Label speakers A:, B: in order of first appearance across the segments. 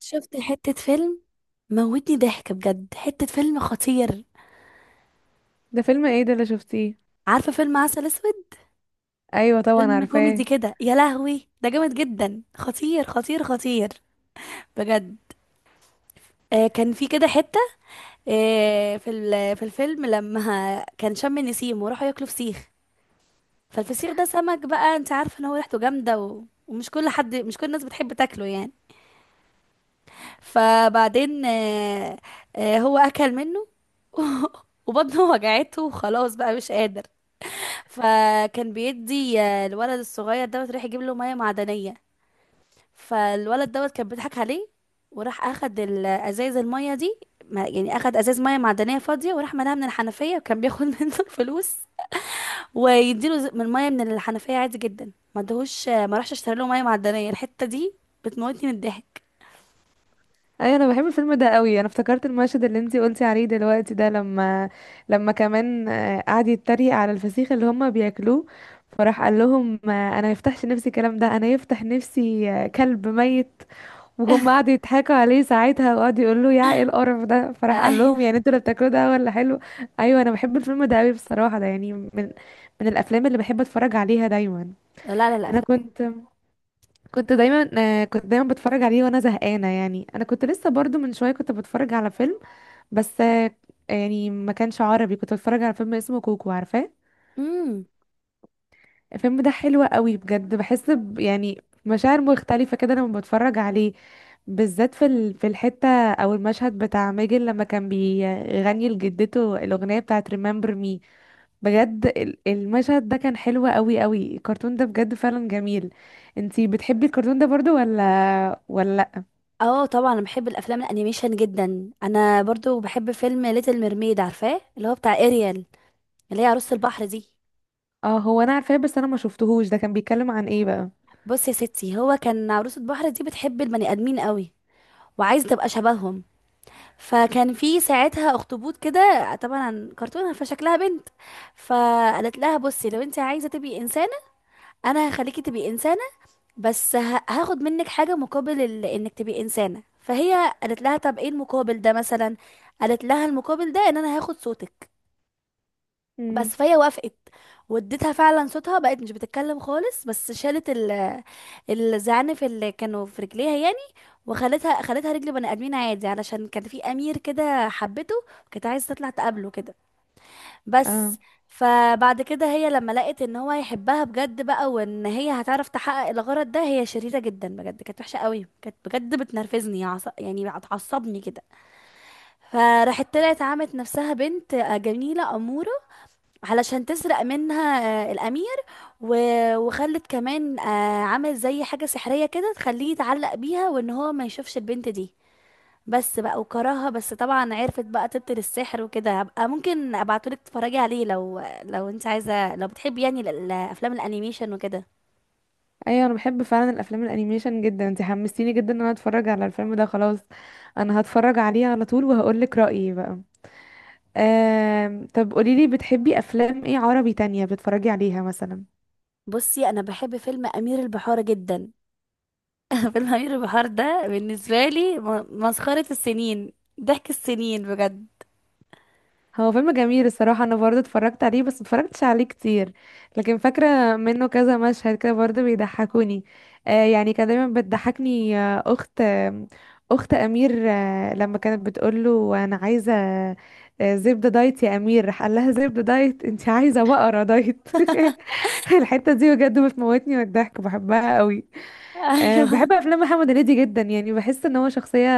A: شفت حتة فيلم، موتني ضحك بجد، حتة فيلم خطير.
B: ده فيلم ايه ده اللي شفتيه؟
A: عارفة فيلم عسل اسود؟
B: ايوه، طبعا
A: فيلم كوميدي
B: عارفاه.
A: كده، يا لهوي، ده جامد جدا، خطير خطير خطير، بجد. كان في كده حتة. في الفيلم لما كان شم النسيم وراحوا ياكلوا فسيخ. فالفسيخ ده سمك بقى، انت عارفة ان هو ريحته جامدة ومش كل حد مش كل الناس بتحب تاكله يعني. فبعدين هو اكل منه وبطنه وجعته وخلاص بقى مش قادر. فكان بيدي، الولد الصغير دوت راح يجيب له ميه معدنيه. فالولد دوت كان بيضحك عليه، وراح اخد الازايز الميه دي، يعني اخد ازاز ميه معدنيه فاضيه وراح ملاها من الحنفيه، وكان بياخد منه الفلوس، ويديله من ميه من الحنفيه عادي جدا، ما ادهوش، ما راحش اشتري له ميه معدنيه الحته دي. بتموتني من الضحك.
B: ايوه، انا بحب الفيلم ده قوي، انا افتكرت المشهد اللي انتي قلتي عليه دلوقتي ده، لما كمان قعد يتريق على الفسيخ اللي هما بياكلوه، فراح قال لهم انا ما يفتحش نفسي الكلام ده، انا يفتح نفسي كلب ميت. وهم قعدوا يضحكوا عليه ساعتها وقعدوا يقولوا له يا ايه القرف ده، فراح قال
A: ايوه.
B: لهم يعني انتوا اللي بتاكلوه ده ولا حلو؟ ايوه، انا بحب الفيلم ده قوي بصراحه، ده يعني من الافلام اللي بحب اتفرج عليها دايما.
A: لا لا لا،
B: انا
A: افلام.
B: كنت دايما كنت دايما بتفرج عليه وانا زهقانه، يعني انا كنت لسه برضو من شويه كنت بتفرج على فيلم، بس يعني ما كانش عربي، كنت بتفرج على فيلم اسمه كوكو، عارفاه؟
A: امم.
B: الفيلم ده حلو قوي بجد، بحس يعني مشاعر مختلفه كده لما بتفرج عليه، بالذات في الحته او المشهد بتاع ماجد لما كان بيغني لجدته الاغنيه بتاعه Remember Me. بجد المشهد ده كان حلو قوي قوي، الكرتون ده بجد فعلا جميل. انتي بتحبي الكرتون ده برضو ولا؟
A: اه طبعا، انا بحب الافلام الانيميشن جدا، انا برضو بحب فيلم ليتل ميرميد، عارفاه؟ اللي هو بتاع اريال، اللي هي عروسة البحر دي.
B: اه، هو انا عارفاه، بس انا ما شفتهوش، ده كان بيتكلم عن ايه بقى؟
A: بص يا ستي، هو كان عروسة البحر دي بتحب البني آدمين قوي، وعايزة تبقى شبههم. فكان في ساعتها اخطبوط كده، طبعا كرتونة فشكلها بنت. فقالت لها: بصي، لو انت عايزة تبقي إنسانة انا هخليكي تبقي إنسانة، بس هاخد منك حاجة مقابل انك تبقي إنسانة. فهي قالت لها: طب ايه المقابل ده مثلا؟ قالت لها: المقابل ده ان انا هاخد صوتك
B: امم.
A: بس. فهي وافقت، واديتها فعلا صوتها، بقت مش بتتكلم خالص، بس شالت ال الزعانف اللي كانوا في رجليها يعني، وخلتها رجل بني ادمين عادي، علشان كان في امير كده حبته، كانت عايزه تطلع تقابله كده
B: اه
A: بس. فبعد كده هي لما لقت ان هو هيحبها بجد بقى وان هي هتعرف تحقق الغرض ده، هي شريرة جدا بجد، كانت وحشة قوي، كانت بجد بتنرفزني، يعني بتعصبني كده. فراحت طلعت عملت نفسها بنت جميلة أمورة علشان تسرق منها الأمير. و... وخلت كمان، عمل زي حاجة سحرية كده تخليه يتعلق بيها وإن هو ما يشوفش البنت دي بس بقى، وكرهها. بس طبعا عرفت بقى تبطل السحر وكده. هبقى ممكن ابعتولك تتفرجي عليه لو انت عايزة، لو بتحبي يعني افلام الانيميشن وكده.
B: ايوه، انا بحب فعلا الافلام الانيميشن جدا، انت حمستيني جدا ان انا اتفرج على الفيلم ده، خلاص. انا هتفرج عليه على طول وهقول لك رايي بقى. طب قولي لي بتحبي افلام ايه عربي تانية بتتفرجي عليها مثلا؟
A: بصي انا بحب فيلم امير البحار جدا، فيلم امير البحار ده بالنسبة لي مسخرة السنين، ضحك السنين بجد.
B: هو فيلم جميل الصراحة، أنا برضه اتفرجت عليه بس متفرجتش عليه كتير، لكن فاكرة منه كذا مشهد كده برضه بيضحكوني. يعني كان دايما بتضحكني، أخت أمير، لما كانت بتقوله أنا عايزة زبدة دايت يا أمير، راح قال لها زبدة دايت أنت عايزة بقرة دايت الحتة دي بجد بتموتني من الضحك، بحبها قوي.
A: ايوه.
B: بحب أفلام محمد هنيدي جدا، يعني بحس إن هو شخصية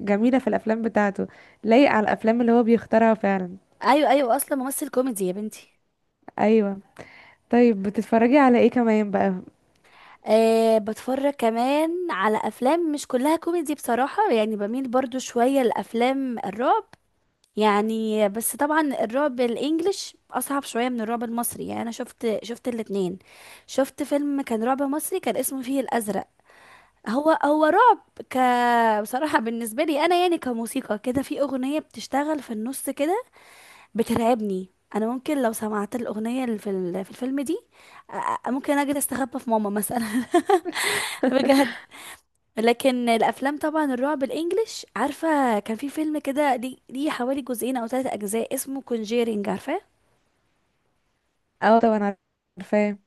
B: جميلة في الأفلام بتاعته، لايق على الأفلام اللي هو بيختارها فعلا.
A: ايوه ايوه، اصلا ممثل كوميدي يا بنتي.
B: أيوة. طيب بتتفرجي على ايه كمان بقى؟
A: أه بتفرج كمان على افلام مش كلها كوميدي بصراحة، يعني بميل برضو شوية لافلام الرعب يعني. بس طبعا الرعب الانجليش اصعب شوية من الرعب المصري يعني. انا شفت، الاتنين. شفت فيلم كان رعب مصري كان اسمه فيه الازرق. هو رعب. ك بصراحة بالنسبة لي انا يعني كموسيقى كده، في اغنية بتشتغل في النص كده بترعبني. انا ممكن لو سمعت الاغنيه اللي في في الفيلم دي، ممكن اجي استخبى في ماما مثلا بجد. لكن الافلام طبعا الرعب الانجليش، عارفه كان في فيلم كده، ليه حوالي جزئين او ثلاثة اجزاء، اسمه كونجيرينج، عارفاه؟
B: اه طبعا عارفاه.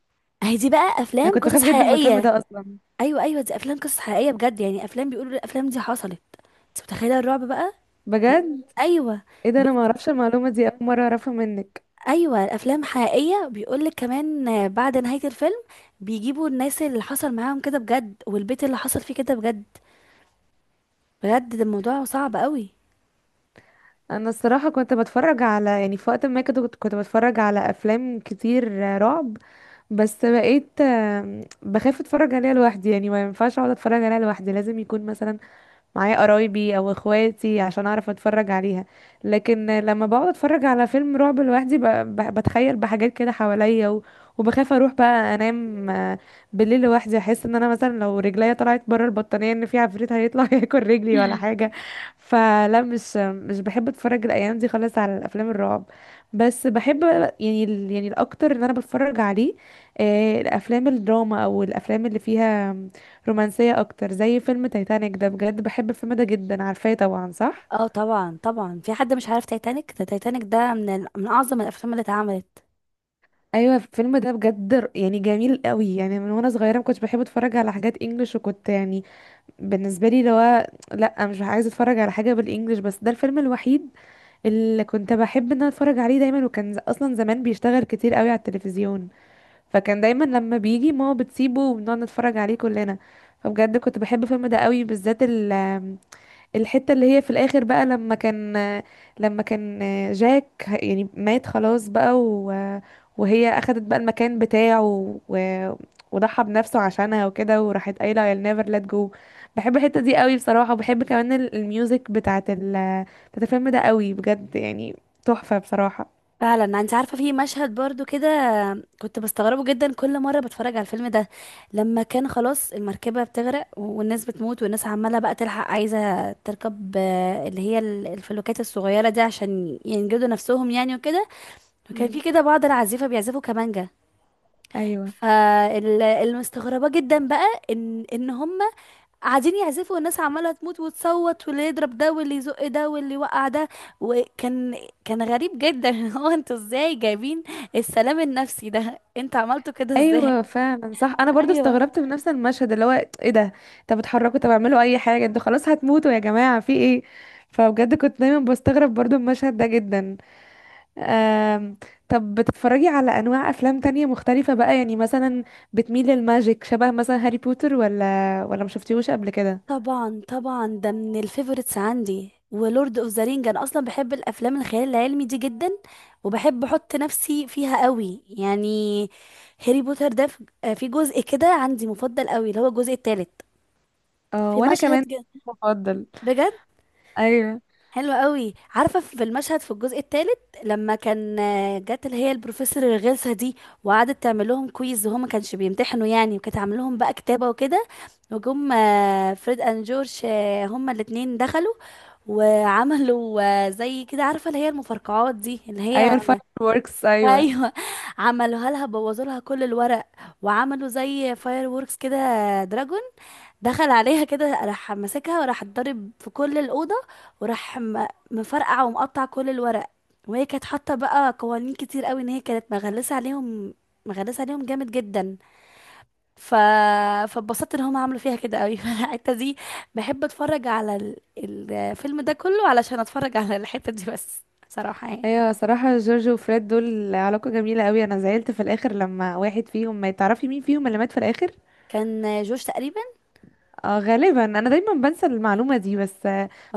A: اهي دي بقى
B: انا
A: افلام
B: كنت
A: قصص
B: بخاف جدا من الفيلم
A: حقيقيه.
B: ده اصلا.
A: ايوه ايوه، دي افلام قصص حقيقيه بجد، يعني افلام بيقولوا الافلام دي حصلت. انت متخيله الرعب بقى؟ يعني.
B: بجد.
A: ايوه.
B: ايه ده، انا ما اعرفش المعلومه دي، اول مره اعرفها منك.
A: ايوه الافلام حقيقيه، بيقولك كمان، بعد نهايه الفيلم بيجيبوا الناس اللي حصل معاهم كده بجد، والبيت اللي حصل فيه كده بجد. بجد ده الموضوع صعب قوي.
B: انا الصراحه كنت بتفرج على، يعني في وقت ما كده كنت بتفرج على افلام كتير رعب، بس بقيت بخاف اتفرج عليها لوحدي، يعني ما ينفعش اقعد اتفرج عليها لوحدي، لازم يكون مثلا معايا قرايبي او اخواتي عشان اعرف اتفرج عليها. لكن لما بقعد اتفرج على فيلم رعب لوحدي بتخيل بحاجات كده حواليا وبخاف اروح بقى انام بالليل لوحدي، احس ان انا مثلا لو رجليا طلعت بره البطانية ان في عفريت هيطلع ياكل رجلي ولا حاجة. فلا، مش بحب اتفرج الايام دي خالص على الافلام الرعب، بس بحب يعني الاكتر ان انا بتفرج عليه الافلام الدراما او الافلام اللي فيها رومانسية اكتر، زي فيلم تايتانيك ده، بجد بحب الفيلم ده جدا، عارفاه طبعا صح؟
A: اه طبعا طبعا، في حد مش عارف تايتانيك؟ ده تايتانيك ده من من اعظم الافلام اللي اتعملت.
B: ايوه الفيلم ده بجد يعني جميل قوي، يعني من وانا صغيره ما كنتش بحب اتفرج على حاجات انجلش وكنت يعني، بالنسبه لي اللي هو لا، مش عايزه اتفرج على حاجه بالانجلش، بس ده الفيلم الوحيد اللي كنت بحب ان انا اتفرج عليه دايما. وكان اصلا زمان بيشتغل كتير قوي على التلفزيون، فكان دايما لما بيجي ماما بتسيبه وبنقعد نتفرج عليه كلنا. فبجد كنت بحب الفيلم ده قوي، بالذات الحتة اللي هي في الآخر بقى، لما كان جاك يعني مات خلاص بقى، وهي أخدت بقى المكان بتاعه و- وضحى بنفسه عشانها وكده، وراحت قايلة I'll never let go. بحب الحتة دي قوي بصراحة، وبحب كمان الميوزك بتاعت الفيلم ده قوي، بجد يعني تحفة بصراحة.
A: فعلا، انت عارفه في مشهد برضو كده كنت بستغربه جدا كل مره بتفرج على الفيلم ده. لما كان خلاص المركبه بتغرق والناس بتموت والناس عماله بقى تلحق عايزه تركب، اللي هي الفلوكات الصغيره دي، عشان ينجدوا نفسهم يعني وكده. وكان
B: مم.
A: في كده بعض العازفه بيعزفوا كمانجا.
B: أيوة.
A: فالمستغربه جدا بقى ان هم قاعدين يعزفوا، والناس عماله تموت وتصوت، واللي يضرب ده، واللي يزق ده، واللي يوقع ده. وكان كان غريب جدا. هو انتوا ازاي جايبين السلام النفسي ده؟ انتوا عملتوا كده ازاي؟
B: ايوه فعلا صح، انا برضو
A: ايوه
B: استغربت من نفس المشهد اللي هو ايه ده، طب اتحركوا طب اعملوا اي حاجه، انتوا خلاص هتموتوا يا جماعه في ايه؟ فبجد كنت دايما بستغرب برضو المشهد ده جدا. آم... طب بتتفرجي على انواع افلام تانية مختلفه بقى، يعني مثلا بتميل للماجيك، شبه مثلا هاري بوتر ولا ما شفتيهوش قبل كده؟
A: طبعا طبعا، ده من الفيفوريتس عندي، ولورد اوف ذا رينج. انا اصلا بحب الافلام الخيال العلمي دي جدا، وبحب احط نفسي فيها قوي يعني. هاري بوتر ده، في جزء كده عندي مفضل قوي، اللي هو الجزء الثالث.
B: اه
A: في
B: وانا
A: مشهد
B: كمان مفضل.
A: بجد
B: ايوه.
A: حلو قوي. عارفه في المشهد في الجزء الثالث، لما كان، جت اللي هي البروفيسور الغلسه دي، وقعدت تعمل لهم كويز وهم ما كانش بيمتحنوا يعني، وكانت عامله لهم بقى كتابه وكده. وجم، فريد اند جورج، هما الاثنين دخلوا وعملوا، زي كده عارفه اللي هي المفرقعات دي اللي
B: ايوه
A: هي
B: الفاير ووركس، ايوه.
A: ايوه. عملوها لها، بوظوا لها كل الورق، وعملوا زي فاير ووركس كده. دراجون دخل عليها كده، راح ماسكها وراح اتضرب في كل الأوضة، وراح مفرقع ومقطع كل الورق. وهي كانت حاطة بقى قوانين كتير قوي، ان هي كانت مغلسة عليهم، مغلسة عليهم جامد جدا. ف... فاتبسطت ان هم عملوا فيها كده قوي. فالحتة دي بحب اتفرج على الفيلم ده كله علشان اتفرج على الحتة دي بس صراحة يعني.
B: ايوه صراحة جورج وفريد دول علاقة جميلة قوي، انا زعلت في الاخر لما واحد فيهم، ما تعرفي مين فيهم اللي مات في الاخر.
A: كان جوش تقريبا.
B: اه غالبا، انا دايما بنسى المعلومة دي، بس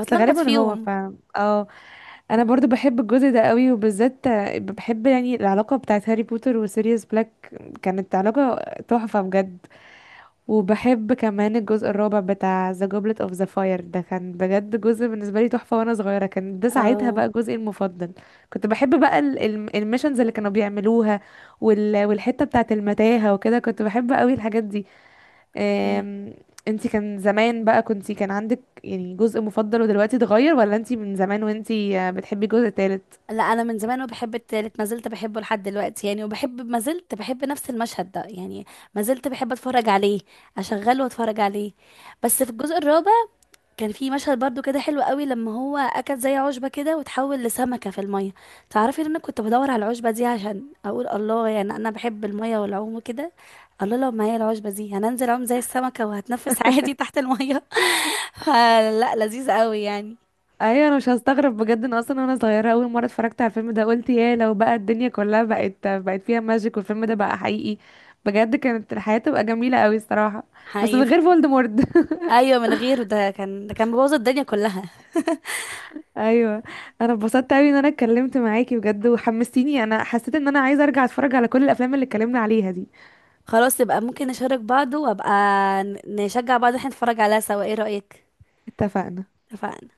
B: بس غالبا هو
A: فيهم.
B: ف اه انا برضو بحب الجزء ده قوي، وبالذات بحب يعني العلاقة بتاعت هاري بوتر وسيريوس بلاك، كانت علاقة تحفة بجد. وبحب كمان الجزء الرابع بتاع The Goblet of the Fire، ده كان بجد جزء بالنسبة لي تحفة، وانا صغيرة كان ده ساعتها
A: اه.
B: بقى جزئي المفضل. كنت بحب بقى الميشنز اللي كانوا بيعملوها والحتة بتاعة المتاهة وكده، كنت بحب قوي الحاجات دي.
A: اوكي.
B: أم، انتي كان زمان بقى كنتي كان عندك يعني جزء مفضل ودلوقتي اتغير، ولا انتي من زمان وانتي بتحبي الجزء التالت؟
A: لا انا من زمان وبحب التالت، ما زلت بحبه لحد دلوقتي يعني، وبحب، ما زلت بحب نفس المشهد ده يعني، ما زلت بحب اتفرج عليه، اشغله واتفرج عليه. بس في الجزء الرابع كان في مشهد برضو كده حلو قوي، لما هو اكل زي عشبة كده وتحول لسمكة في المية. تعرفي ان انا كنت بدور على العشبة دي عشان اقول الله، يعني انا بحب المية والعوم وكده، الله لو معايا العشبة دي هننزل اعوم زي السمكة، وهتنفس عادي تحت المية. فلا لذيذ قوي يعني.
B: ايوه انا مش هستغرب بجد، ان اصلا وانا صغيره اول مره اتفرجت على الفيلم ده قلت يا لو بقى الدنيا كلها بقت فيها ماجيك والفيلم ده بقى حقيقي، بجد كانت الحياه تبقى جميله قوي الصراحه. بس من غير
A: حقيقي.
B: فولدمورت.
A: ايوه من غيره، ده كان مبوظ الدنيا كلها.
B: ايوه انا اتبسطت قوي ان انا اتكلمت معاكي، بجد وحمستيني، انا حسيت ان انا عايزه ارجع اتفرج على كل الافلام اللي اتكلمنا عليها دي.
A: خلاص يبقى ممكن نشارك بعض، وابقى نشجع بعض، احنا نتفرج عليها سوا، ايه رأيك؟
B: اتفقنا.
A: اتفقنا.